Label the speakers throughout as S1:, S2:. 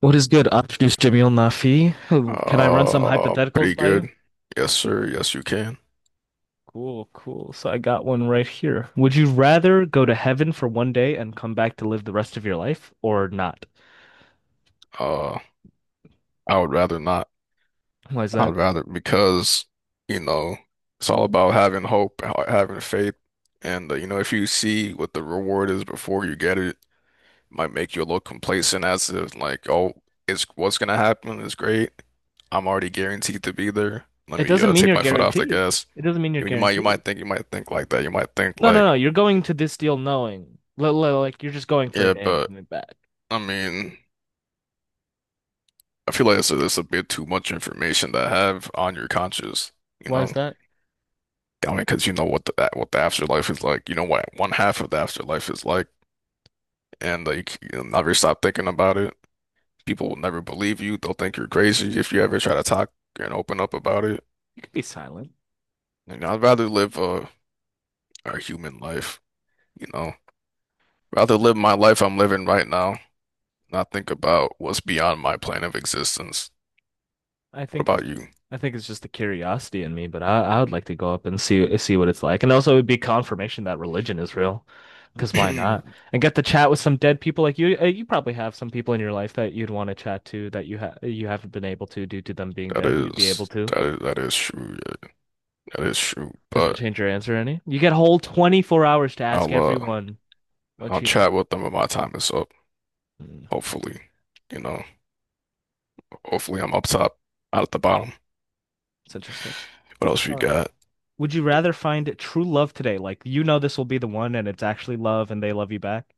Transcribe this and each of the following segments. S1: What is good? I'm just Jamil Nafi. Can I run some hypotheticals
S2: Pretty
S1: by you?
S2: good. Yes, sir. Yes, you can.
S1: Cool, cool. So I got one right here. Would you rather go to heaven for one day and come back to live the rest of your life or not?
S2: Uh, I would rather not.
S1: Why is
S2: I
S1: that?
S2: would rather because, you know, it's all about having hope, having faith, and you know, if you see what the reward is before you get it, it might make you a little complacent as if like, oh, it's what's gonna happen is great. I'm already guaranteed to be there. Let
S1: It
S2: me
S1: doesn't mean
S2: take
S1: you're
S2: my foot off the
S1: guaranteed.
S2: gas.
S1: It doesn't mean you're
S2: You, you might, you might
S1: guaranteed.
S2: think, you might think like that. You might think
S1: No, no, no.
S2: like,
S1: You're going to this deal knowing. Like you're just going for a
S2: yeah,
S1: day and
S2: but
S1: coming back.
S2: I mean. I feel like it's a bit too much information to have on your conscience, you
S1: Why is
S2: know?
S1: that?
S2: I mean, because you know what what the afterlife is like. You know what one half of the afterlife is like, and like you'll never stop thinking about it. People will never believe you. They'll think you're crazy if you ever try to talk and open up about it.
S1: You could be silent.
S2: And I'd rather live a human life, you know? Rather live my life I'm living right now, not think about what's beyond my plane of existence.
S1: I
S2: What
S1: think
S2: about
S1: it's I think it's just the curiosity in me, but I would like to go up and see what it's like. And also it would be confirmation that religion is real. Because why
S2: you?
S1: not? And get to chat with some dead people, like you probably have some people in your life that you'd want to chat to that you haven't been able to due to them being
S2: That
S1: dead. You'd be able
S2: is
S1: to.
S2: that is that is true. Yeah, that is true.
S1: Does that
S2: But
S1: change your answer any? You get whole 24 hours to ask
S2: I'll
S1: everyone what
S2: I'll
S1: you.
S2: chat with them when my time is up.
S1: Hmm,
S2: Hopefully, you know, hopefully I'm up top, out at the bottom.
S1: it's interesting.
S2: What else you
S1: All right.
S2: got?
S1: Would you rather find true love today? Like, you know this will be the one and it's actually love and they love you back?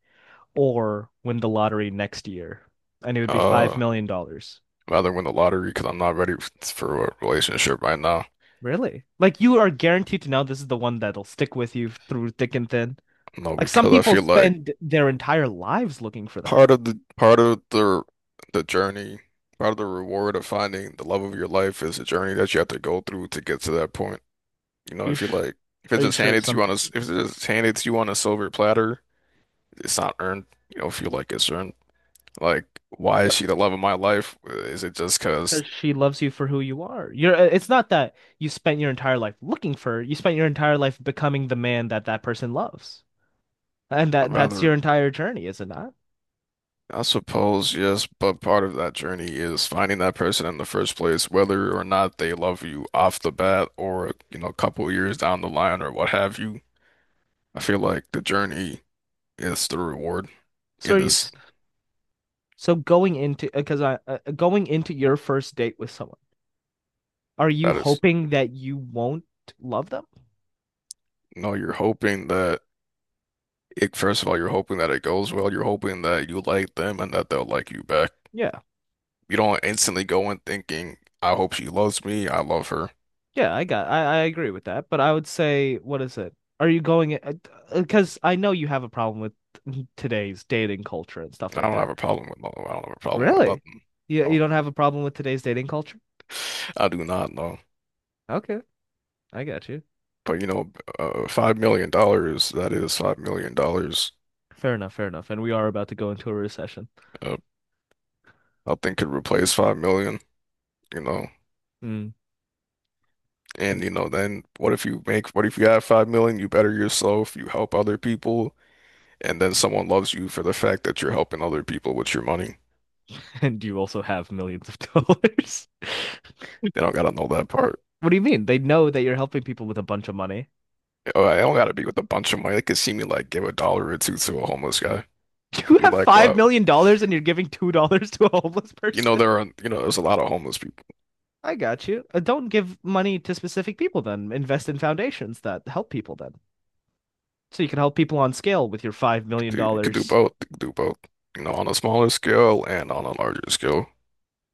S1: Or win the lottery next year, and it would be
S2: Uh,
S1: $5 million dollars.
S2: Rather win the lottery because I'm not ready for a relationship right now.
S1: Really? Like, you are guaranteed to know this is the one that'll stick with you through thick and thin.
S2: No,
S1: Like, some
S2: because I
S1: people
S2: feel like
S1: spend their entire lives looking for that.
S2: part of the journey, part of the reward of finding the love of your life is a journey that you have to go through to get to that point. You know,
S1: Are you
S2: if you
S1: sh-
S2: like, if
S1: are
S2: it's
S1: you
S2: just
S1: sure
S2: handed to
S1: some
S2: you on a s-
S1: people?
S2: if it's just handed to you on a silver platter, it's not earned. You don't feel like it's earned. Like, why is
S1: What?
S2: she the love of my life? Is it just because
S1: Because she loves you for who you are. You're. It's not that you spent your entire life looking for her. You spent your entire life becoming the man that that person loves, and that
S2: I'm
S1: that's your
S2: rather,
S1: entire journey, is it not?
S2: I suppose, yes, but part of that journey is finding that person in the first place, whether or not they love you off the bat or, you know, a couple years down the line or what have you. I feel like the journey is the reward
S1: So
S2: in
S1: are you.
S2: this.
S1: s- So going into, because I going into your first date with someone, are you
S2: That is,
S1: hoping that you won't love them?
S2: you know, you're hoping that first of all, you're hoping that it goes well. You're hoping that you like them and that they'll like you back.
S1: Yeah.
S2: You don't instantly go in thinking, I hope she loves me, I love her.
S1: Yeah, I agree with that, but I would say, what is it? Are you going because I know you have a problem with today's dating culture and stuff
S2: I
S1: like
S2: don't have
S1: that.
S2: a problem with no. I don't have a problem with
S1: Really?
S2: nothing.
S1: You
S2: No,
S1: don't have a problem with today's dating culture?
S2: I do not know.
S1: Okay, I got you.
S2: But you know, $5 million, that is $5 million.
S1: Fair enough, fair enough. And we are about to go into a recession.
S2: Uh, Nothing could replace 5 million, you know.
S1: Mm.
S2: And you know, then what if you have 5 million, you better yourself, you help other people, and then someone loves you for the fact that you're helping other people with your money.
S1: And you also have millions of dollars.
S2: They don't gotta know that part.
S1: What do you mean? They know that you're helping people with a bunch of money.
S2: Oh, I don't gotta be with a bunch of money. They could see me like give a dollar or two to a homeless guy and
S1: You
S2: be
S1: have
S2: like,
S1: five
S2: wow.
S1: million dollars and you're giving $2 to a homeless
S2: You know,
S1: person.
S2: there are, you know, there's a lot of homeless people.
S1: I got you. Don't give money to specific people then. Invest in foundations that help people then. So you can help people on scale with your five million
S2: Dude, you could do
S1: dollars.
S2: both. You could do both. You know, on a smaller scale and on a larger scale.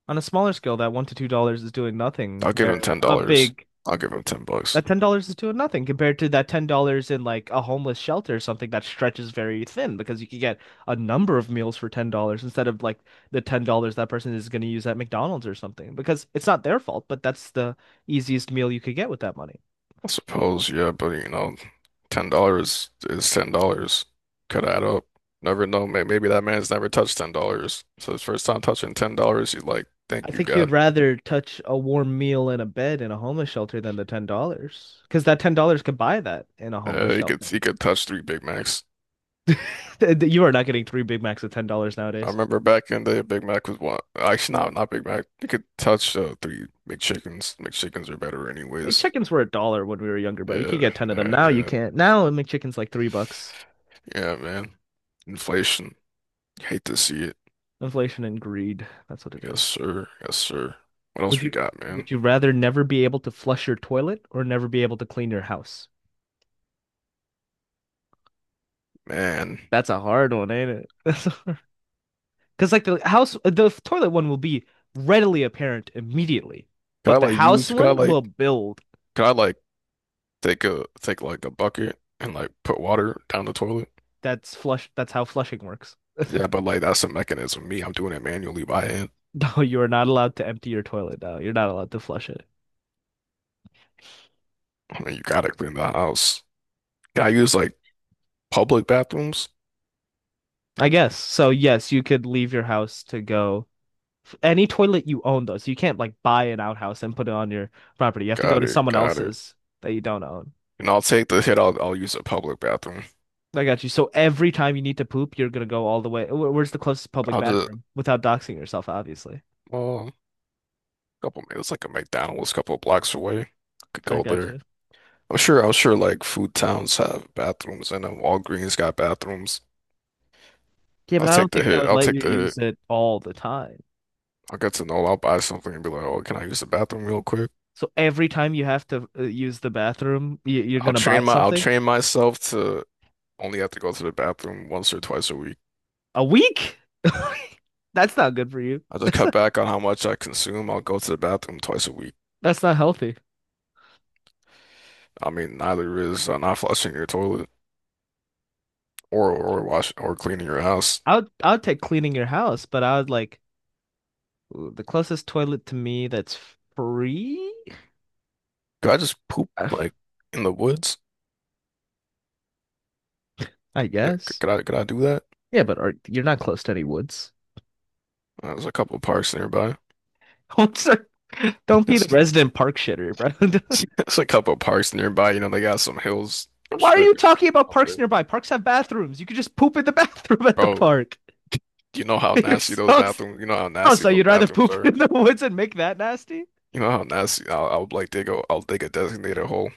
S1: On a smaller scale, that $1 to $2 is doing nothing,
S2: I'll give him
S1: where
S2: ten
S1: a
S2: dollars.
S1: big
S2: I'll give him ten bucks.
S1: that $10 is doing nothing compared to that $10 in like a homeless shelter or something that stretches very thin, because you can get a number of meals for $10 instead of like the $10 that person is going to use at McDonald's or something, because it's not their fault, but that's the easiest meal you could get with that money.
S2: I suppose, yeah, but you know, $10 is $10. Could add up. Never know. Maybe that man's never touched $10. So his first time touching $10, he's like,
S1: I
S2: "Thank you,
S1: think you'd
S2: God."
S1: rather touch a warm meal in a bed in a homeless shelter than the $10, because that $10 could buy that in a homeless
S2: Uh, he could
S1: shelter.
S2: he could touch three Big Macs.
S1: You are not getting three Big Macs at $10
S2: I
S1: nowadays.
S2: remember back in the day, Big Mac was one. Actually, no, not Big Mac. You could touch three McChickens. McChickens are better
S1: Like,
S2: anyways.
S1: chickens were a dollar when we were younger, bro. You could
S2: Yeah,
S1: get 10 of them.
S2: yeah,
S1: Now you
S2: yeah.
S1: can't. Now McChicken's like 3 bucks.
S2: Yeah, man. Inflation. Hate to see it.
S1: Inflation and greed. That's what it
S2: Yes,
S1: is.
S2: sir. Yes, sir. What
S1: Would
S2: else we
S1: you
S2: got, man?
S1: would you rather never be able to flush your toilet or never be able to clean your house?
S2: Man.
S1: That's a hard one, ain't it? That's a Because, like the toilet one will be readily apparent immediately,
S2: Could
S1: but
S2: I
S1: the
S2: like
S1: house
S2: use
S1: one will build.
S2: could I like take a take like a bucket and like put water down the toilet?
S1: That's flush. That's how flushing works.
S2: Yeah, but like that's a mechanism. Me, I'm doing it manually by hand.
S1: No, you are not allowed to empty your toilet. No, you're not allowed to flush it.
S2: I mean you gotta clean the house. Can I use like public bathrooms?
S1: I guess. So, yes, you could leave your house to go any toilet you own though. So you can't, like, buy an outhouse and put it on your property. You have to go
S2: Got
S1: to
S2: it,
S1: someone
S2: got it.
S1: else's that you don't own.
S2: And I'll take the hit, I'll use a public bathroom.
S1: I got you. So every time you need to poop, you're gonna go all the way. Where's the closest public
S2: I'll just
S1: bathroom without doxing yourself, obviously.
S2: well, a couple minutes like a McDonald's a couple blocks away. Could
S1: I
S2: go
S1: got
S2: there.
S1: you.
S2: I'm sure like food towns have bathrooms and then Walgreens got bathrooms.
S1: Yeah, but
S2: I'll
S1: I
S2: take
S1: don't
S2: the
S1: think they
S2: hit.
S1: would
S2: I'll
S1: let
S2: take
S1: you
S2: the hit.
S1: use it all the time.
S2: I'll get to know. I'll buy something and be like, oh, can I use the bathroom real quick?
S1: So every time you have to use the bathroom, you're gonna buy
S2: I'll
S1: something?
S2: train myself to only have to go to the bathroom once or twice a week.
S1: A week? That's not good for you.
S2: I'll just
S1: That's
S2: cut
S1: not,
S2: back on how much I consume. I'll go to the bathroom twice a week.
S1: that's not healthy.
S2: I mean, neither is not flushing your toilet or wash or cleaning your house.
S1: I would take cleaning your house, but I would like, ooh, the closest toilet to me that's free.
S2: Could I just poop
S1: Uh,
S2: like in the woods?
S1: I
S2: Could,
S1: guess.
S2: could I could I do that?
S1: Yeah, but you're not close to any woods.
S2: There's a couple parks nearby.
S1: Don't s- don't be the
S2: Yes.
S1: resident park shitter, bro.
S2: There's a couple of parks nearby. You know, they got some hills. I'm
S1: Why
S2: sure
S1: are
S2: they're
S1: you
S2: you
S1: talking
S2: know,
S1: about
S2: up
S1: parks
S2: there.
S1: nearby? Parks have bathrooms. You could just poop in the bathroom at the
S2: Bro,
S1: park. You're so
S2: you know how
S1: oh,
S2: nasty
S1: so
S2: those
S1: you'd rather
S2: bathrooms
S1: poop
S2: are.
S1: in the woods and make that nasty?
S2: You know how nasty. I'll like I'll dig a designated hole,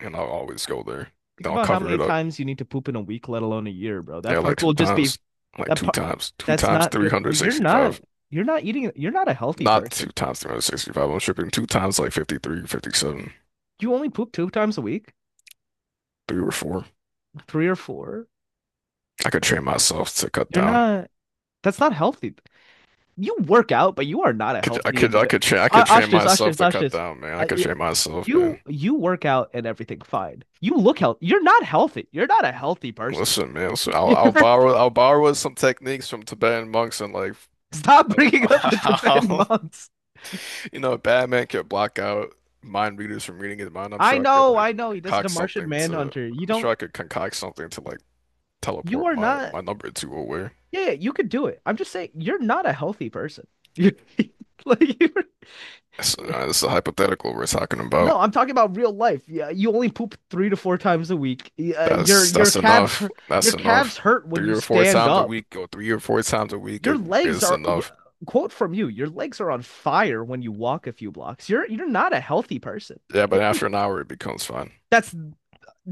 S2: and I'll always go there.
S1: Think
S2: Then I'll
S1: about how
S2: cover
S1: many
S2: it up.
S1: times you need to poop in a week, let alone a year, bro. That
S2: Yeah,
S1: park
S2: like two
S1: will just be
S2: times,
S1: That park.
S2: two
S1: That's
S2: times
S1: not good. Or you're not.
S2: 365.
S1: You're not eating. You're not a healthy
S2: Not two
S1: person.
S2: times 365. I'm tripping. Two times like 53, 57,
S1: You only poop two times a week,
S2: three or four.
S1: three or four.
S2: I could train myself to cut
S1: You're
S2: down.
S1: not. That's not healthy. You work out, but you are not a healthy individual.
S2: I could train
S1: Ashtis,
S2: myself
S1: Ashtis,
S2: to cut
S1: Ashtis.
S2: down, man. I
S1: I,
S2: could
S1: I-
S2: train myself,
S1: you
S2: man.
S1: you work out and everything fine. You look healthy. You're not healthy. You're not a healthy person.
S2: Listen, man, listen,
S1: You're
S2: I'll borrow some techniques from Tibetan monks and like
S1: Stop bringing up the Tibetan
S2: how
S1: monks.
S2: you know Batman could block out mind readers from reading his mind.
S1: I know, I know. He does the
S2: Concoct
S1: Martian
S2: something to
S1: Manhunter. You
S2: I'm sure
S1: don't.
S2: I could concoct something to like
S1: You
S2: teleport
S1: are not.
S2: my number two away.
S1: Yeah, yeah, you could do it. I'm just saying, you're not a healthy person. You like you. Are
S2: That's a hypothetical we're talking about.
S1: No, I'm talking about real life. Yeah, you only poop three to four times a week. Y- Uh, your
S2: That's
S1: your calves hurt. Your
S2: Enough.
S1: calves hurt when you stand up.
S2: Three or four times a week
S1: Your legs
S2: is
S1: are.
S2: enough.
S1: Quote from you: your legs are on fire when you walk a few blocks. You're not a healthy person.
S2: Yeah, but after an hour it becomes fine.
S1: That's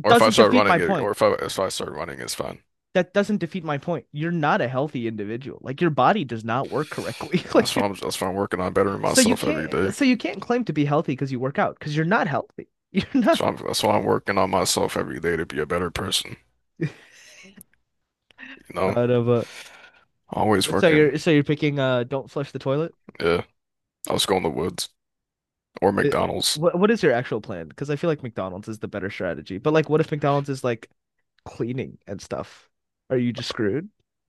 S2: Or if I
S1: doesn't
S2: start
S1: defeat my
S2: running it, or
S1: point.
S2: if I start running, it's fine.
S1: That doesn't defeat my point. You're not a healthy individual. Like, your body does not work correctly. like you're,
S2: That's why I'm working on bettering myself every day.
S1: so you can't claim to be healthy because you work out, because you're not healthy. You're not.
S2: That's why I'm working on myself every day to be a better person. You know,
S1: out of a
S2: always working.
S1: so you're picking, don't flush the toilet.
S2: Yeah, I'll just go in the woods or
S1: Uh,
S2: McDonald's.
S1: what is your actual plan? Because I feel like McDonald's is the better strategy. But, like, what if McDonald's is like cleaning and stuff? Are you just screwed?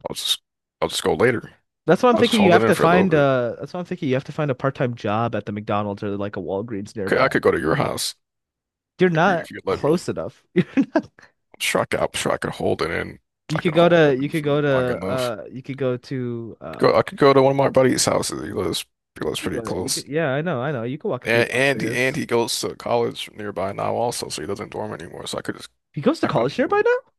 S2: I'll just I'll just go later.
S1: That's what I'm
S2: I'll just
S1: thinking. You
S2: hold it
S1: have
S2: in
S1: to
S2: for a little
S1: find
S2: bit.
S1: that's what I'm thinking. You have to find a part-time job at the McDonald's or like a Walgreens
S2: Okay,
S1: nearby.
S2: I could go to your house
S1: You're not
S2: if you let me.
S1: close enough. You're not
S2: I'm sure I could hold it in.
S1: You
S2: I
S1: could
S2: could
S1: go
S2: hold
S1: to
S2: it in for long enough. I could go to one of my buddy's houses. He lives pretty
S1: you could
S2: close.
S1: yeah, I know, I know. You could walk a few
S2: And
S1: blocks to
S2: and
S1: his.
S2: he goes to college nearby now also, so he doesn't dorm anymore. So I could just
S1: He goes to
S2: knock on
S1: college
S2: the door.
S1: nearby now?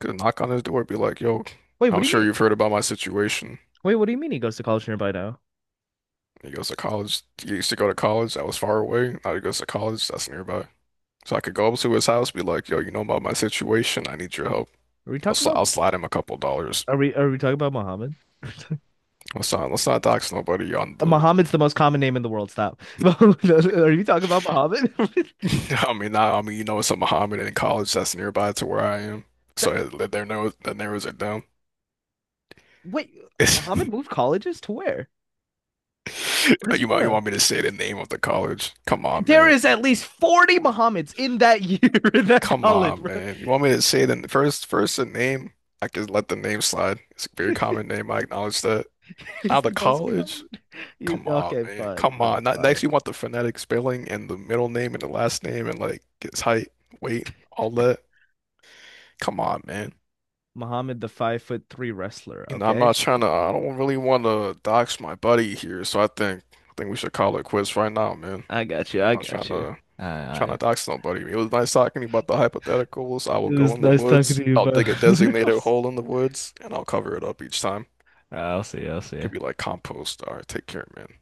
S2: Could knock on his door, be like, "Yo,
S1: Wait, what
S2: I'm
S1: do you
S2: sure
S1: mean?
S2: you've heard about my situation."
S1: Wait, what do you mean he goes to college nearby now?
S2: He goes to college. He used to go to college that was far away. Now he goes to college that's nearby. So I could go up to his house, be like, "Yo, you know about my situation? I need your help."
S1: Are we talking about
S2: I'll slide him a couple dollars.
S1: are we talking about Muhammad?
S2: Let's not dox nobody on the.
S1: Muhammad's the most common name in the world. Stop. Are you talking about Muhammad?
S2: I mean, not, I mean, you know, it's a Mohammedan in college that's nearby to where I am.
S1: That-
S2: So that narrows it down.
S1: Wait, Muhammad moved colleges to where? Where does he go
S2: You
S1: to?
S2: want me to say the name of the college? Come on,
S1: There
S2: man.
S1: is at least 40 Muhammads in that year in that
S2: Come
S1: college,
S2: on,
S1: bro.
S2: man. You want me to say the first the name? I can let the name slide. It's a very common name. I acknowledge that.
S1: It's
S2: Out the
S1: the most
S2: college?
S1: common.
S2: Come on,
S1: Okay,
S2: man.
S1: fine,
S2: Come
S1: fine,
S2: on. Not,
S1: fine.
S2: next, you want the phonetic spelling and the middle name and the last name and like his height, weight, all that. Come on, man.
S1: Muhammad the 5'3" wrestler,
S2: You know, I'm
S1: okay?
S2: not trying to. I don't really want to dox my buddy here, so I think we should call it quits right now, man. I'm
S1: I got you. I
S2: not trying
S1: got you.
S2: to.
S1: All right, all
S2: Trying to
S1: right.
S2: dox nobody. It was nice talking to you about the hypotheticals. I
S1: It
S2: will go
S1: was
S2: in the
S1: nice talking
S2: woods.
S1: to you,
S2: I'll
S1: bro. All
S2: dig a designated
S1: right.
S2: hole in the woods and I'll cover it up each time.
S1: I'll see you. I'll see
S2: Could be
S1: you.
S2: like compost. All right, take care, man.